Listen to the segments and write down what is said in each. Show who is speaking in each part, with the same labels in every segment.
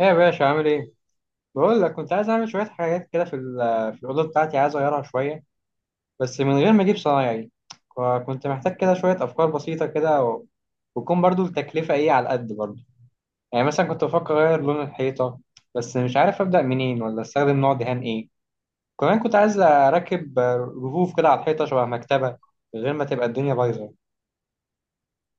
Speaker 1: ايه يا باشا عامل ايه؟ بقول لك كنت عايز اعمل شوية حاجات كده في الأوضة بتاعتي عايز اغيرها شوية، بس من غير ما اجيب صنايعي. كنت محتاج كده شوية أفكار بسيطة كده وتكون برضو التكلفة ايه على قد برضو. يعني مثلا كنت بفكر اغير لون الحيطة، بس مش عارف أبدأ منين ولا استخدم نوع دهان ايه. كمان كنت عايز اركب رفوف كده على الحيطة شبه مكتبة، من غير ما تبقى الدنيا بايظة.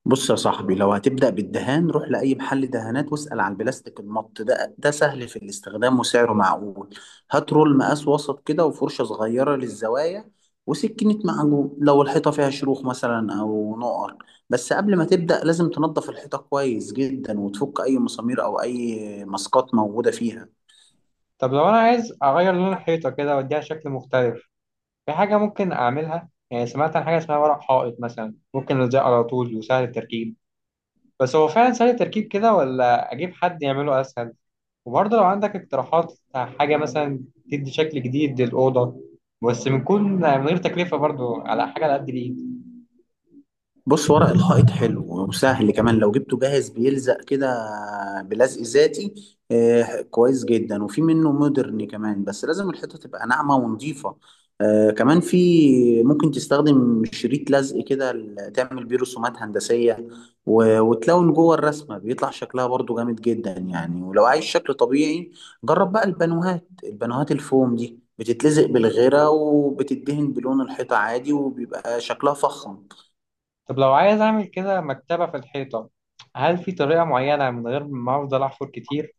Speaker 2: بص يا صاحبي، لو هتبدأ بالدهان روح لأي محل دهانات واسأل عن البلاستيك المط ده سهل في الاستخدام وسعره معقول. هات رول مقاس وسط كده وفرشة صغيرة للزوايا وسكينة معجون لو الحيطة فيها شروخ مثلا أو نقر. بس قبل ما تبدأ لازم تنظف الحيطة كويس جدا وتفك أي مسامير أو أي ماسكات موجودة فيها.
Speaker 1: طب لو انا عايز اغير لون الحيطة كده واديها شكل مختلف، في حاجة ممكن أعملها؟ يعني سمعت عن حاجة اسمها ورق حائط مثلا ممكن ألزقه على طول وسهل التركيب. بس هو فعلا سهل التركيب كده ولا أجيب حد يعمله أسهل؟ وبرضه لو عندك اقتراحات حاجة مثلا تدي شكل جديد للأوضة، بس بنكون من غير تكلفة، برضه على حاجة على قد الإيد.
Speaker 2: بص، ورق الحائط حلو وسهل كمان لو جبته جاهز بيلزق كده، بلزق ذاتي. آه، كويس جدا، وفي منه مودرن كمان بس لازم الحيطة تبقى ناعمة ونظيفة. آه، كمان في ممكن تستخدم شريط لزق كده تعمل بيه رسومات هندسية، و- وتلون جوه الرسمة بيطلع شكلها برضو جامد جدا، يعني ولو عايز شكل طبيعي جرب بقى البانوهات الفوم دي بتتلزق بالغيرة وبتدهن بلون الحيطة عادي وبيبقى شكلها فخم.
Speaker 1: طب لو عايز أعمل كده مكتبة في الحيطة، هل في طريقة معينة من غير ما أفضل أحفر كتير؟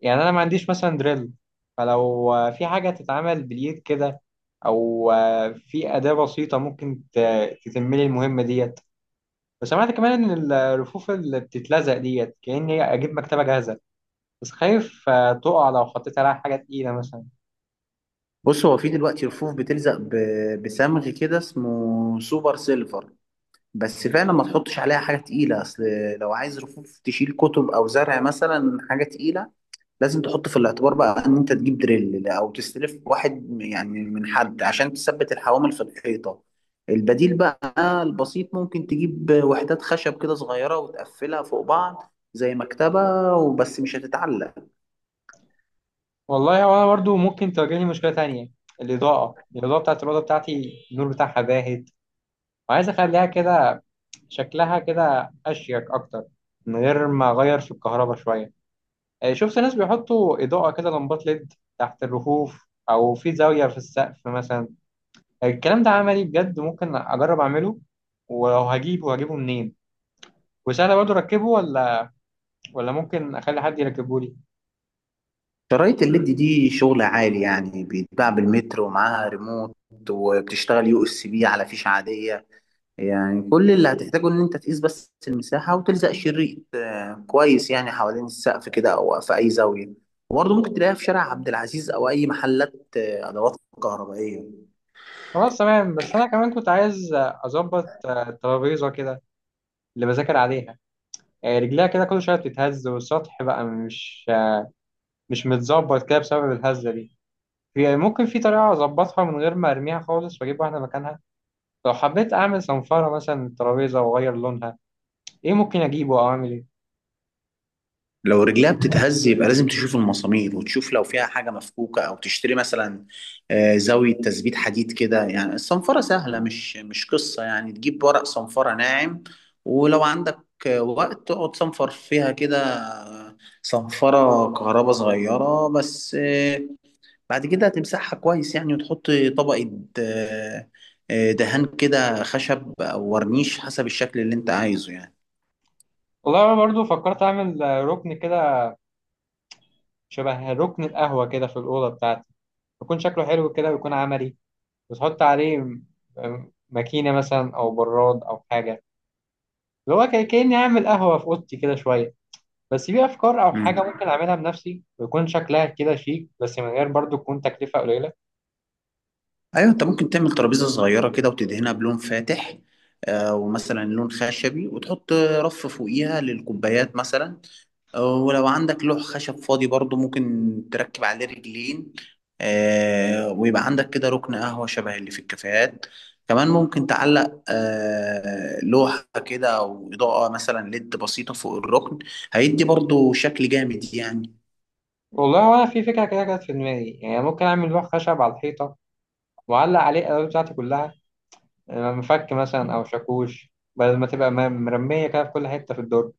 Speaker 1: يعني انا ما عنديش مثلا دريل. فلو في حاجه تتعمل باليد كده، او في اداه بسيطه ممكن تتم لي المهمه ديت. وسمعت كمان ان الرفوف اللي بتتلزق ديت كاني اجيب مكتبه جاهزه، بس خايف تقع لو حطيت عليها حاجه تقيله مثلا.
Speaker 2: بص هو في دلوقتي رفوف بتلزق بصمغ كده اسمه سوبر سيلفر. بس فعلا ما تحطش عليها حاجة تقيلة أصل. لو عايز رفوف تشيل كتب أو زرع مثلا حاجة تقيلة، لازم تحط في الاعتبار بقى إن أنت تجيب دريل أو تستلف واحد يعني من حد عشان تثبت الحوامل في الحيطة. البديل بقى البسيط ممكن تجيب وحدات خشب كده صغيرة وتقفلها فوق بعض زي مكتبة وبس، مش هتتعلق.
Speaker 1: والله وانا برضو ممكن تواجهني مشكله تانية. الاضاءه بتاعت الاوضه بتاعتي، النور بتاعها باهت، وعايز اخليها كده، شكلها كده اشيك اكتر، من غير ما اغير في الكهرباء شويه. شفت ناس بيحطوا إضاءة كده، لمبات ليد تحت الرفوف أو في زاوية في السقف مثلا. الكلام ده عملي بجد؟ ممكن أجرب أعمله؟ ولو هجيبه منين؟ وسهل برضه أركبه ولا ممكن أخلي حد يركبه لي؟
Speaker 2: شرايط الليد دي شغل عالي يعني، بيتباع بالمتر ومعاها ريموت وبتشتغل USB على فيش عادية. يعني كل اللي هتحتاجه ان انت تقيس بس المساحة وتلزق شريط كويس يعني حوالين السقف كده او في اي زاوية. وبرضه ممكن تلاقيها في شارع عبد العزيز او اي محلات ادوات كهربائية.
Speaker 1: خلاص تمام. بس أنا كمان كنت عايز أظبط الترابيزة كده، اللي بذاكر عليها. رجليها كده كل شوية بتتهز والسطح بقى مش متظبط كده بسبب الهزة دي. ممكن في طريقة أظبطها من غير ما أرميها خالص وأجيب واحدة مكانها؟ لو حبيت اعمل صنفرة مثلا ترابيزة واغير لونها، ايه ممكن اجيبه او اعمل ايه؟
Speaker 2: لو رجلها بتتهز يبقى لازم تشوف المسامير وتشوف لو فيها حاجة مفكوكة، أو تشتري مثلا زاوية تثبيت حديد كده. يعني الصنفرة سهلة، مش قصة، يعني تجيب ورق صنفرة ناعم ولو عندك وقت تقعد صنفر فيها كده، صنفرة كهرباء صغيرة بس. بعد كده هتمسحها كويس يعني وتحط طبقة آه، دهان كده خشب أو ورنيش حسب الشكل اللي أنت عايزه يعني.
Speaker 1: والله انا برضو فكرت اعمل ركن كده، شبه ركن القهوة كده في الأوضة بتاعتي، يكون شكله حلو كده ويكون عملي. وتحط عليه ماكينة مثلا او براد او حاجة، اللي هو كأني اعمل قهوة في أوضتي كده شوية. بس في افكار او حاجة ممكن اعملها بنفسي ويكون شكلها كده شيك، بس من غير برضو، تكون تكلفة قليلة؟
Speaker 2: ايوه، انت ممكن تعمل ترابيزه صغيره كده وتدهنها بلون فاتح، ومثلا لون خشبي، وتحط رف فوقيها للكوبايات مثلا. ولو عندك لوح خشب فاضي برضو ممكن تركب عليه رجلين، ويبقى عندك كده ركن قهوه شبه اللي في الكافيهات. كمان ممكن تعلق لوحه كده او اضاءه مثلا ليد بسيطه فوق الركن. هيدي برضو شكل جامد يعني.
Speaker 1: والله وانا في فكرة كده كانت في دماغي، يعني ممكن اعمل لوح خشب على الحيطة وأعلق عليه الألوان بتاعتي كلها، يبقى مفك مثلا أو شاكوش، بدل ما تبقى مرمية كده في كل حتة في الدرج.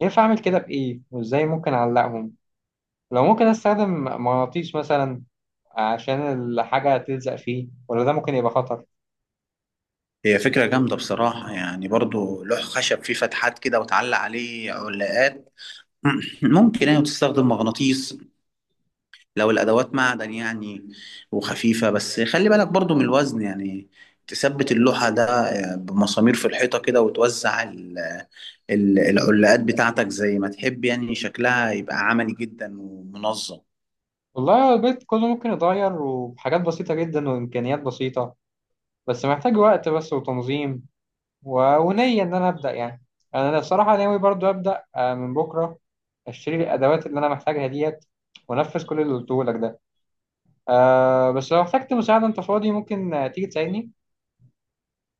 Speaker 1: ينفع أعمل كده بإيه، وإزاي ممكن أعلقهم؟ لو ممكن أستخدم مغناطيس مثلا عشان الحاجة تلزق فيه، ولا ده ممكن يبقى خطر؟
Speaker 2: هي فكرة جامدة بصراحة، يعني برضو لوح خشب فيه فتحات كده وتعلق عليه علاقات. ممكن يعني تستخدم مغناطيس لو الأدوات معدن يعني وخفيفة، بس خلي بالك برضو من الوزن يعني. تثبت اللوحة ده بمسامير في الحيطة كده وتوزع العلاقات بتاعتك زي ما تحب، يعني شكلها يبقى عملي جدا ومنظم.
Speaker 1: والله البيت كله ممكن يتغير، وبحاجات بسيطة جدا وإمكانيات بسيطة، بس محتاج وقت بس وتنظيم، ونية إن أنا أبدأ يعني. يعني أنا الصراحة ناوي برضو أبدأ من بكرة، أشتري الأدوات اللي أنا محتاجها ديت وأنفذ كل اللي قلته لك ده. بس لو احتجت مساعدة، أنت فاضي ممكن تيجي تساعدني؟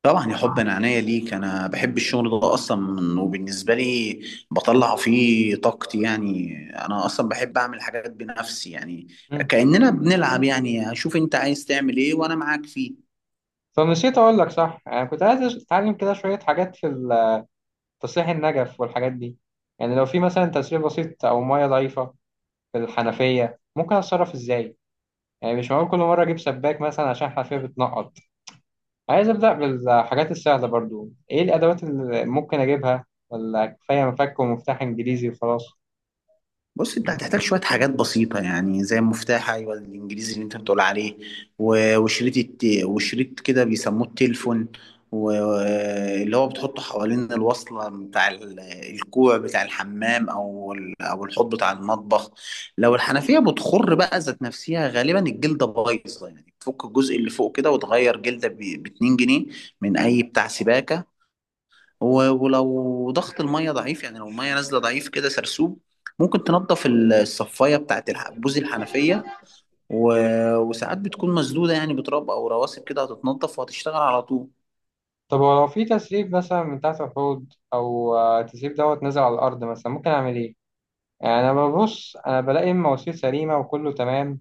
Speaker 2: طبعا يا حب، انا عينيا ليك. انا بحب الشغل ده اصلا وبالنسبه لي بطلع فيه طاقتي يعني. انا اصلا بحب اعمل حاجات بنفسي يعني
Speaker 1: مم.
Speaker 2: كاننا بنلعب. يعني شوف انت عايز تعمل ايه وانا معاك فيه.
Speaker 1: فنسيت أقول لك، صح، أنا كنت عايز أتعلم كده شوية حاجات تصليح النجف والحاجات دي. يعني لو في مثلا تسريب بسيط أو مية ضعيفة في الحنفية، ممكن أتصرف إزاي؟ يعني مش معقول كل مرة أجيب سباك مثلا عشان الحنفية بتنقط. عايز أبدأ بالحاجات السهلة، برضو إيه الأدوات اللي ممكن أجيبها؟ ولا كفاية مفك ومفتاح إنجليزي وخلاص؟
Speaker 2: بص انت هتحتاج شويه حاجات بسيطه يعني زي المفتاح، ايوه، الانجليزي اللي انت بتقول عليه، و- وشريط الت... وشريط كده بيسموه التليفون، واللي هو بتحطه حوالين الوصله بتاع الكوع بتاع الحمام او الحوض بتاع المطبخ. لو الحنفيه بتخر بقى ذات نفسها، غالبا الجلده بايظه يعني. تفك الجزء اللي فوق كده وتغير جلده ب 2 جنيه من اي بتاع سباكه. و- ولو ضغط الميه ضعيف، يعني لو الميه نازله ضعيف كده سرسوب، ممكن تنضف الصفايه بتاعت بوز الحنفيه. و... وساعات بتكون مسدوده يعني بتراب او رواسب كده، هتتنضف وهتشتغل على طول.
Speaker 1: طب ولو في تسريب مثلا من تحت الحوض أو تسريب دوت نزل على الأرض مثلا، ممكن أعمل إيه؟ يعني انا ببص انا بلاقي المواسير سليمه وكله تمام،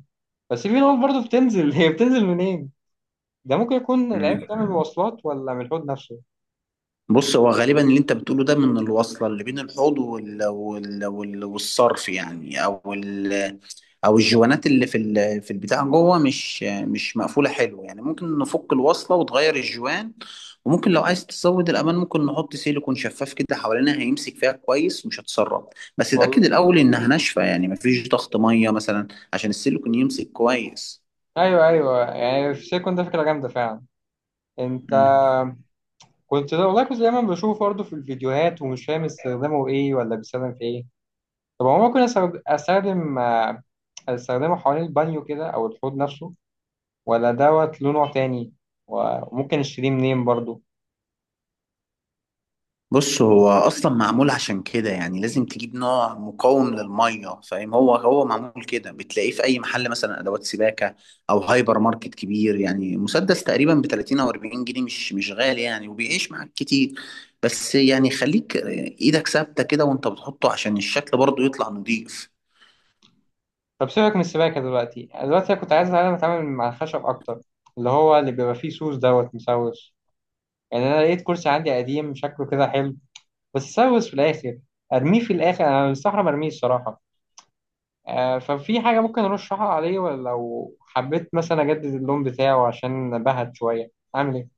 Speaker 1: بس في نقط برضه بتنزل هي بتنزل منين؟ ده ممكن يكون العيب ده من المواصلات ولا من الحوض نفسه؟
Speaker 2: بص هو غالبا اللي انت بتقوله ده من الوصله اللي بين الحوض وال... وال... وال... والصرف يعني، او الجوانات اللي في البتاع جوه مش مقفوله حلو يعني. ممكن نفك الوصله وتغير الجوان، وممكن لو عايز تزود الامان ممكن نحط سيليكون شفاف كده حوالينها، هيمسك فيها كويس ومش هتسرب. بس اتاكد
Speaker 1: والله،
Speaker 2: الاول انها ناشفه، يعني مفيش ضغط ميه مثلا عشان السيليكون يمسك كويس.
Speaker 1: ايوه ايوه، يعني في سيكون ده فكره جامده فعلا. انت
Speaker 2: مم.
Speaker 1: كنت ده، والله كنت دايما بشوفه برضه في الفيديوهات ومش فاهم استخدامه ايه ولا بيستخدم في ايه. طب هو ممكن استخدمه حوالين البانيو كده او الحوض نفسه، ولا دوت له نوع تاني؟ وممكن اشتريه منين برضه؟
Speaker 2: بص هو اصلا معمول عشان كده، يعني لازم تجيب نوع مقاوم للميه فاهم. هو معمول كده، بتلاقيه في اي محل مثلا ادوات سباكه او هايبر ماركت كبير، يعني مسدس تقريبا ب 30 او 40 جنيه، مش غالي يعني وبيعيش معاك كتير. بس يعني خليك ايدك ثابته كده وانت بتحطه عشان الشكل برضه يطلع نضيف.
Speaker 1: طب سيبك من السباكة دلوقتي أنا كنت عايز أتعلم أتعامل مع الخشب أكتر، اللي هو اللي بيبقى فيه سوس دوت مسوس. يعني أنا لقيت كرسي عندي قديم شكله كده حلو، بس سوس في الآخر. أرميه في الآخر؟ أنا مستحرم أرميه الصراحة. ففي حاجة ممكن أرشحها عليه؟ ولا لو حبيت مثلا أجدد اللون بتاعه عشان بهت شوية، أعمل إيه؟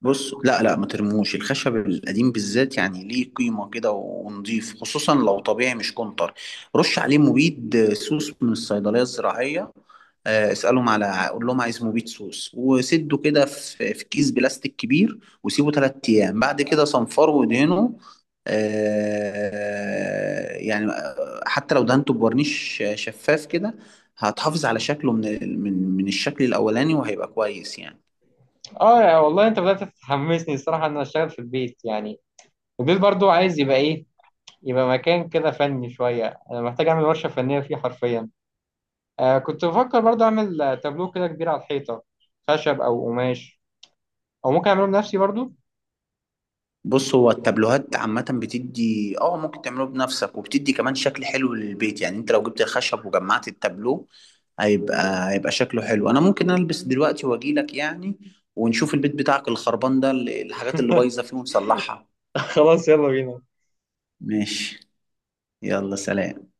Speaker 2: بص لا لا، ما ترموش الخشب القديم بالذات، يعني ليه قيمة كده ونضيف، خصوصا لو طبيعي مش كونتر. رش عليه مبيد سوس من الصيدلية الزراعية. اسألهم، على قول لهم عايز مبيد سوس، وسده كده في كيس بلاستيك كبير وسيبه 3 أيام، بعد كده صنفره وادهنه. يعني حتى لو دهنته بورنيش شفاف كده، هتحافظ على شكله من الشكل الأولاني وهيبقى كويس يعني.
Speaker 1: يا والله أنت بدأت تحمسني الصراحة، إن أنا أشتغل في البيت يعني. البيت برضو عايز يبقى إيه؟ يبقى مكان كده فني شوية. أنا محتاج أعمل ورشة فنية فيه حرفيا. كنت بفكر برضه اعمل تابلو كده كبير على الحيطه، خشب او قماش، او ممكن اعمله بنفسي برضه.
Speaker 2: بص هو التابلوهات عامة بتدي ممكن تعمله بنفسك وبتدي كمان شكل حلو للبيت يعني. انت لو جبت الخشب وجمعت التابلو هيبقى شكله حلو. انا ممكن البس دلوقتي واجيلك يعني، ونشوف البيت بتاعك الخربان ده، الحاجات اللي بايظة فيه ونصلحها.
Speaker 1: خلاص يلا بينا.
Speaker 2: ماشي. يلا سلام.